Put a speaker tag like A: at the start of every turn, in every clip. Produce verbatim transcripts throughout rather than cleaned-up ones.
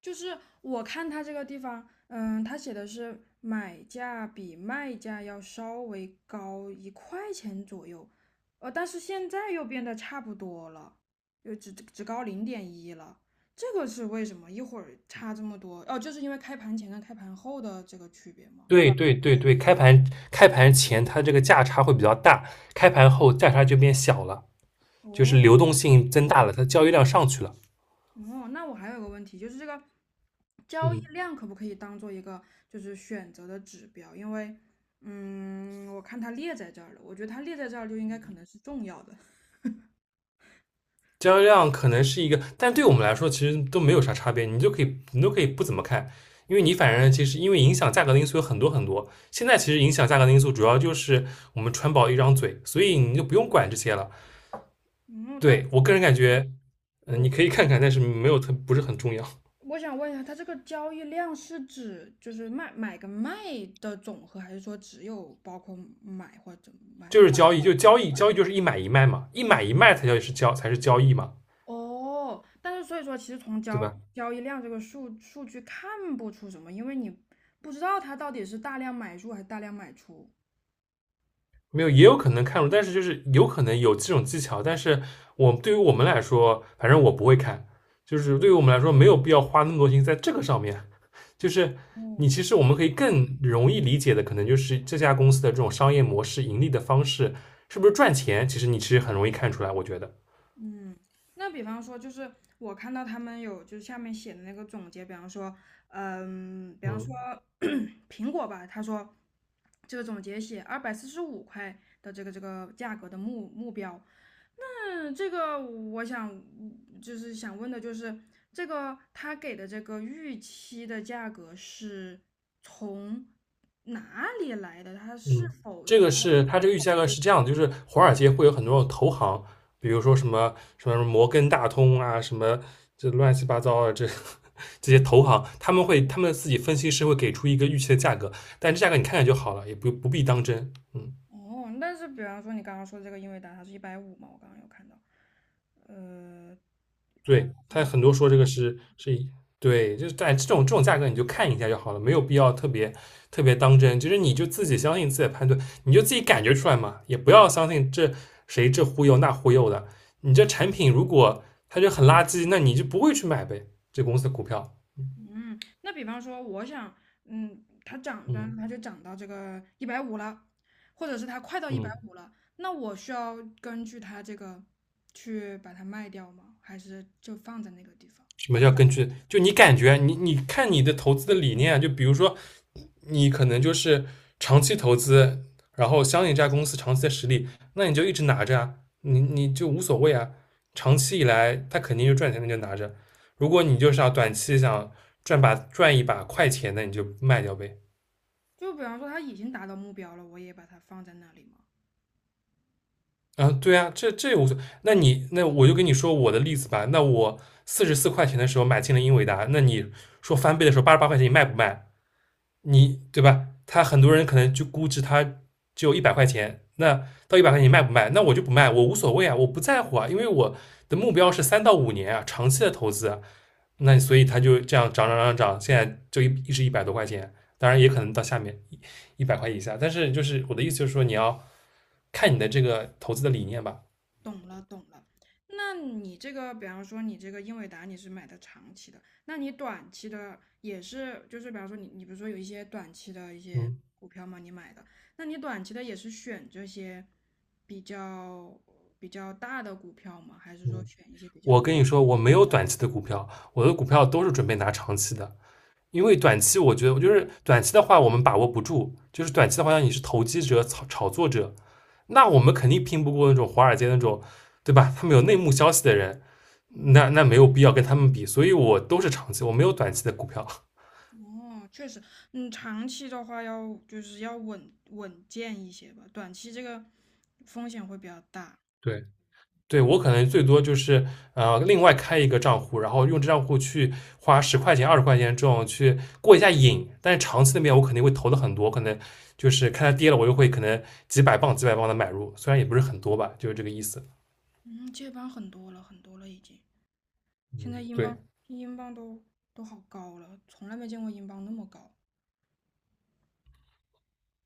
A: 就是我看它这个地方，嗯，它写的是买价比卖价要稍微高一块钱左右，呃，但是现在又变得差不多了，又只只高零点一了，这个是为什么？一会儿差这么多？哦，就是因为开盘前跟开盘后的这个区别吗？
B: 对对对对，开盘开盘前它这个价差会比较大，开盘后价差就变小了，就是
A: 哦，
B: 流动性增大了，它交易量上去了。
A: 哦，那我还有个问题，就是这个交易
B: 嗯，
A: 量可不可以当做一个就是选择的指标？因为，嗯，我看它列在这儿了，我觉得它列在这儿就应该可能是重要的。
B: 交易量可能是一个，但对我们来说其实都没有啥差别，你就可以你都可以不怎么看，因为你反正其实因为影响价格的因素有很多很多，现在其实影响价格的因素主要就是我们川宝一张嘴，所以你就不用管这些了。
A: 嗯，但
B: 对我个人感觉，嗯、
A: 我
B: 你可以看看，但是没有特不是很重要。
A: 我想问一下，它这个交易量是指就是卖买跟卖的总和，还是说只有包括买或者卖？
B: 就是交易，就交易，交易就是一买一卖嘛，一买一卖才叫是交才是交易嘛，
A: 哦，但是所以说，其实从
B: 对
A: 交
B: 吧？
A: 交易量这个数数据看不出什么，因为你不知道它到底是大量买入还是大量买出。
B: 没有，也有可能看懂，但是就是有可能有这种技巧，但是我对于我们来说，反正我不会看，就是对于我们来说没有必要花那么多心在这个上面。就是你
A: 哦，
B: 其实我们可以更容易理解的，可能就是这家公司的这种商业模式、盈利的方式是不是赚钱，其实你其实很容易看出来，我觉得。
A: 嗯，那比方说，就是我看到他们有就是下面写的那个总结，比方说，嗯，比方说
B: 嗯。
A: 苹果吧，他说这个总结写二百四十五块的这个这个价格的目目标。嗯，这个我想嗯就是想问的就是这个他给的这个预期的价格是从哪里来的？他是
B: 嗯，
A: 否就
B: 这
A: 是？
B: 个是它这个预期价格是这样的，就是华尔街会有很多种投行，比如说什么什么摩根大通啊，什么这乱七八糟的这 这些投行，他们会他们自己分析师会给出一个预期的价格，但这价格你看看就好了，也不不必当真。嗯。
A: 哦，但是比方说你刚刚说的这个英伟达，它是一百五嘛？我刚刚有看到，呃，好像
B: 对，
A: 是
B: 他
A: 一，
B: 很多说这个是是以对，就是在这种这种价格你就看一下就好了，没有必要特别特别当真。就是你就自己相信自己的判断，你就自己感觉出来嘛，也不要相信这谁这忽悠那忽悠的。你这产品如果它就很垃圾，那你就不会去买呗，这公司的股票。
A: 嗯，那比方说我想，嗯，它涨，比方说
B: 嗯
A: 它就涨到这个一百五了，或者是它快到一百
B: 嗯，
A: 五了，那我需要根据它这个去把它卖掉吗？还是就放在那个地方？
B: 什么叫根据？就你感觉，你你看你的投资的理念啊，就比如说你可能就是长期投资，然后相信这家公司长期的实力，那你就一直拿着啊，你你就无所谓啊。长期以来，它肯定就赚钱，那就拿着。如果你就是要短期想赚把赚一把快钱，那你就卖掉呗。
A: 就比方说它已经达到目标了，我也把它放在那里吗？
B: 啊，对啊，这这无所谓。那你那我就跟你说我的例子吧。那我四十四块钱的时候买进了英伟达，那你说翻倍的时候八十八块钱，你卖不卖？你对吧？他很多人可能就估值他只有一百块钱，那到一百块钱你卖不卖？那我就不卖，我无所谓啊，我不在乎啊，因为我的目标是三到五年啊，长期的投资啊那所以他就这样涨涨涨涨，现在就一一直一百多块钱，当然也可能到下面一百块以下。但是就是我的意思就是说，你要看你的这个投资的理念吧。
A: 那你这个，比方说你这个英伟达你是买的长期的，那你短期的也是，就是比方说你你比如说有一些短期的一些
B: 嗯
A: 股票吗？你买的，那你短期的也是选这些比较比较大的股票吗？还是说
B: 嗯，
A: 选一些比较？
B: 我跟你说，我没有短期的股票，我的股票都是准备拿长期的。因为短期我觉得就是短期的话我们把握不住，就是短期的话像你是投机者、炒炒作者，那我们肯定拼不过那种华尔街那种，对吧？他们有内幕消息的人，那那没有必要跟他们比，所以我都是长期，我没有短期的股票。
A: 哦，确实，嗯，长期的话要就是要稳稳健一些吧，短期这个风险会比较大。
B: 对，对我可能最多就是呃，另外开一个账户，然后用这账户去花十块钱、二十块钱这种去过一下瘾。但是长期那边我肯定会投的很多，可能就是看它跌了，我又会可能几百磅、几百磅的买入，虽然也不是很多吧，就是这个意思。
A: 嗯，接班很多了，很多了已经。现在
B: 嗯，
A: 英镑
B: 对
A: 英镑都都好高了，从来没见过英镑那么高。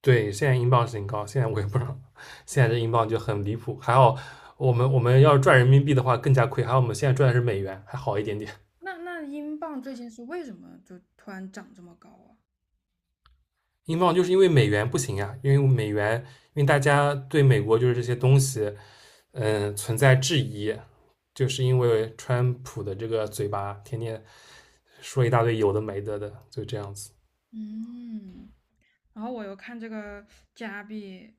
B: 对，现在英镑是挺高，现在我也不知道，现在这英镑就很离谱。还好我们我们要是赚人民币的话更加亏，还好我们现在赚的是美元，还好一点点。
A: 那那英镑最近是为什么就突然涨这么高啊？
B: 英镑就是因为美元不行呀、因为美元，因为大家对美国就是这些东西，嗯，存在质疑，就是因为川普的这个嘴巴天天说一大堆有的没的的，就这样子。
A: 嗯，然后我又看这个加币，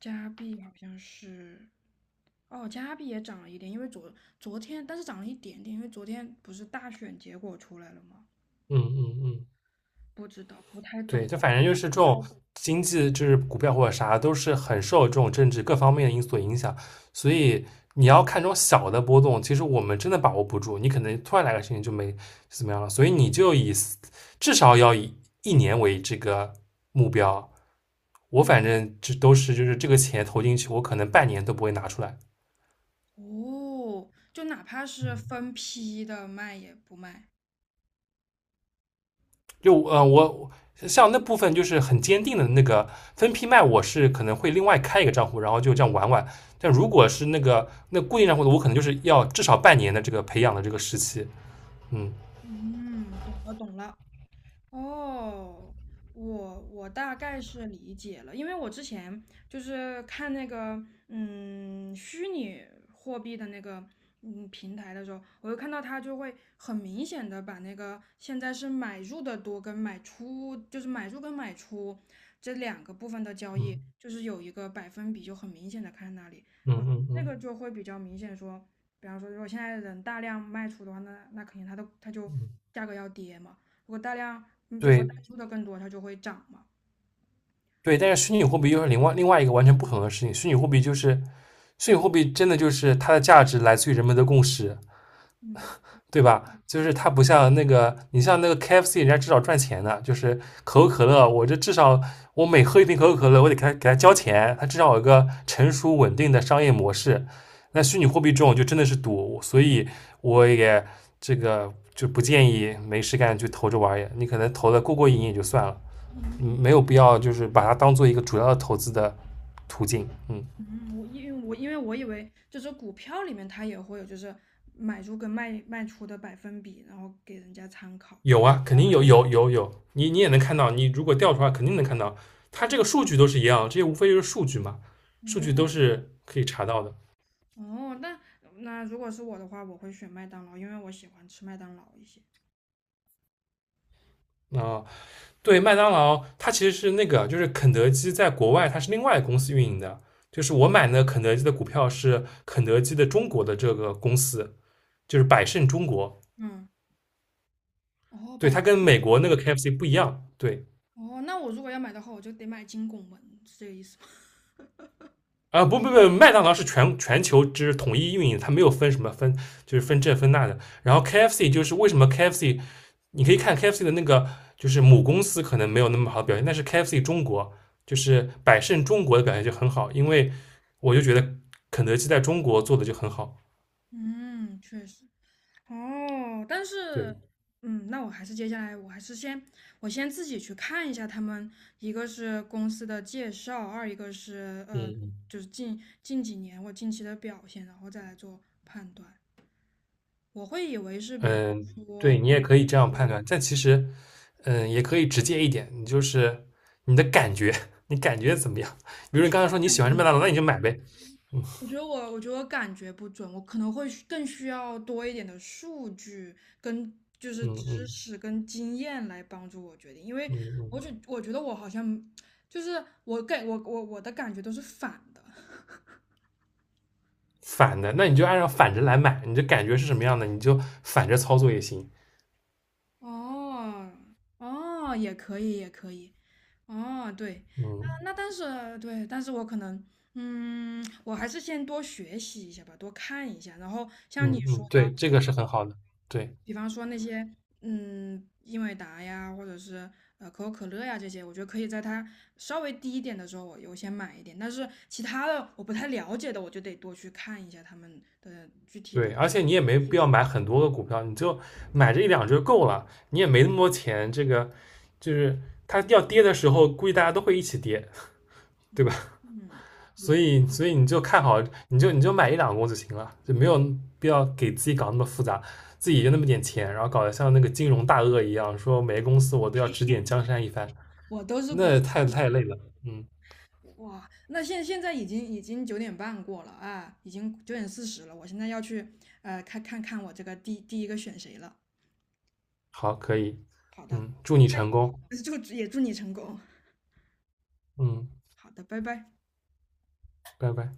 A: 加币好像是，哦，加币也涨了一点，因为昨昨天但是涨了一点点，因为昨天不是大选结果出来了吗？
B: 嗯嗯嗯，
A: 不知道，不太
B: 对，
A: 懂。
B: 就反正就是这种经济，就是股票或者啥，都是很受这种政治各方面的因素影响。所以你要看这种小的波动，其实我们真的把握不住，你可能突然来个事情就没怎么样了。所以你就以至少要以一年为这个目标。我反正这都是就是这个钱投进去，我可能半年都不会拿出来。
A: 哦，就哪怕是分批的卖也不卖。
B: 就呃，我像那部分就是很坚定的那个分批卖，我是可能会另外开一个账户，然后就这样玩玩。但如果是那个那固定账户的，我可能就是要至少半年的这个培养的这个时期。嗯
A: 嗯，懂了懂了。哦，我我大概是理解了，因为我之前就是看那个嗯虚拟货币的那个嗯平台的时候，我就看到它就会很明显的把那个现在是买入的多跟买出，就是买入跟买出这两个部分的交易，
B: 嗯
A: 就是有一个百分比就很明显的看那里，
B: 嗯
A: 我
B: 嗯
A: 那个
B: 嗯
A: 就会比较明显说，比方说如果现在人大量卖出的话，那那肯定它的它就
B: 嗯，
A: 价格要跌嘛。如果大量你就是
B: 对
A: 感受的更多，它就会涨嘛。
B: 对。但是虚拟货币又是另外另外一个完全不同的事情。虚拟货币就是虚拟货币，真的就是它的价值来自于人们的共识。
A: 嗯
B: 对吧？就是它不像那个，你像那个 K F C,人家至少赚钱的，就是可口可乐，我这至少我每喝一瓶可口可乐，我得给他给他交钱，它至少有个成熟稳定的商业模式。那虚拟货币这种就真的是赌，所以我也这个就不建议没事干去投这玩儿你可能投的过过瘾也就算了，嗯
A: 嗯，
B: 没有必要就是把它当做一个主要的投资的途径，嗯。
A: 嗯，我因为我因为我以为就是股票里面它也会有就是买入跟卖卖出的百分比，然后给人家参考这
B: 有
A: 个
B: 啊，肯定有有有有，你你也能看到，你如果调出来肯定能看到，它这个数据都是一样，这些无非就是数据嘛，数据都
A: 哦
B: 是可以查到的
A: 哦，那那如果是我的话，我会选麦当劳，因为我喜欢吃麦当劳一些。
B: 啊、呃对，麦当劳它其实是那个，就是肯德基在国外它是另外公司运营的，就是我买的肯德基的股票是肯德基的中国的这个公司，就是百胜中国，
A: 嗯，哦，
B: 对，
A: 百
B: 它跟美国那个 K F C 不一样，对。
A: 哦，那我如果要买的话，我就得买金拱门，是这个意思吗？
B: 啊，呃不不不，麦当劳是全全球之统一运营，它没有分什么分，就是分这分那的。然后 K F C 就是为什么 K F C 你可以看 KFC 的那个，就是母公司可能没有那么好的表现，但是 K F C 中国就是百胜中国的表现就很好，因为我就觉得肯德基在中国做的就很好。
A: 嗯，确实。哦，但是，
B: 对，
A: 嗯，那我还是接下来，我还是先，我先自己去看一下他们，一个是公司的介绍，二一个是呃，
B: 嗯
A: 就是近近几年我近期的表现，然后再来做判断。我会以为是，比方
B: 嗯，对
A: 说，
B: 你也可以这样判断，但其实，嗯，也可以直接一点，你就是你的感觉，你感觉怎么样？比如你刚才说你喜欢吃麦当劳，那你就买呗。
A: 我觉得我，我觉得我感觉不准，我可能会需更需要多一点的数据跟就是
B: 嗯
A: 知
B: 嗯
A: 识跟经验来帮助我决定，因为
B: 嗯嗯，
A: 我觉我觉得我好像就是我给我我我的感觉都是反的。
B: 反的，那你就按照反着来买，你的感觉是什么样的，你就反着操作也行。
A: 哦，哦，也可以，也可以。哦，对，那
B: 嗯。
A: 那但是对，但是我可能，嗯，我还是先多学习一下吧，多看一下。然后
B: 嗯
A: 像你说
B: 嗯，
A: 的，
B: 对，这个是很好的，对
A: 比方说那些，嗯，英伟达呀，或者是呃可口可乐呀这些，我觉得可以在它稍微低一点的时候，我优先买一点。但是其他的我不太了解的，我就得多去看一下他们的，
B: 对，而且你也没必要买很多个股票，你就买这一两只就够了，你也没那么多钱，这个就是它要跌的时候，估计大家都会一起跌，对吧？
A: 嗯嗯，
B: 所
A: 也，
B: 以所以你就看好，你就你就买一两个就行了，就没有必要给自己搞那么复杂，自己就那么点钱，然后搞得像那个金融大鳄一样，说每个公司我都要指点江山一番，
A: 我都是股。
B: 那太太累了。嗯，
A: 哇，那现现在已经已经九点半过了啊，已经九点四十了，我现在要去呃看看看我这个第第一个选谁了。
B: 好，可以，
A: 好的，
B: 嗯，祝你成功，
A: 就也祝你成功。
B: 嗯，
A: 好的，拜拜。
B: 拜拜。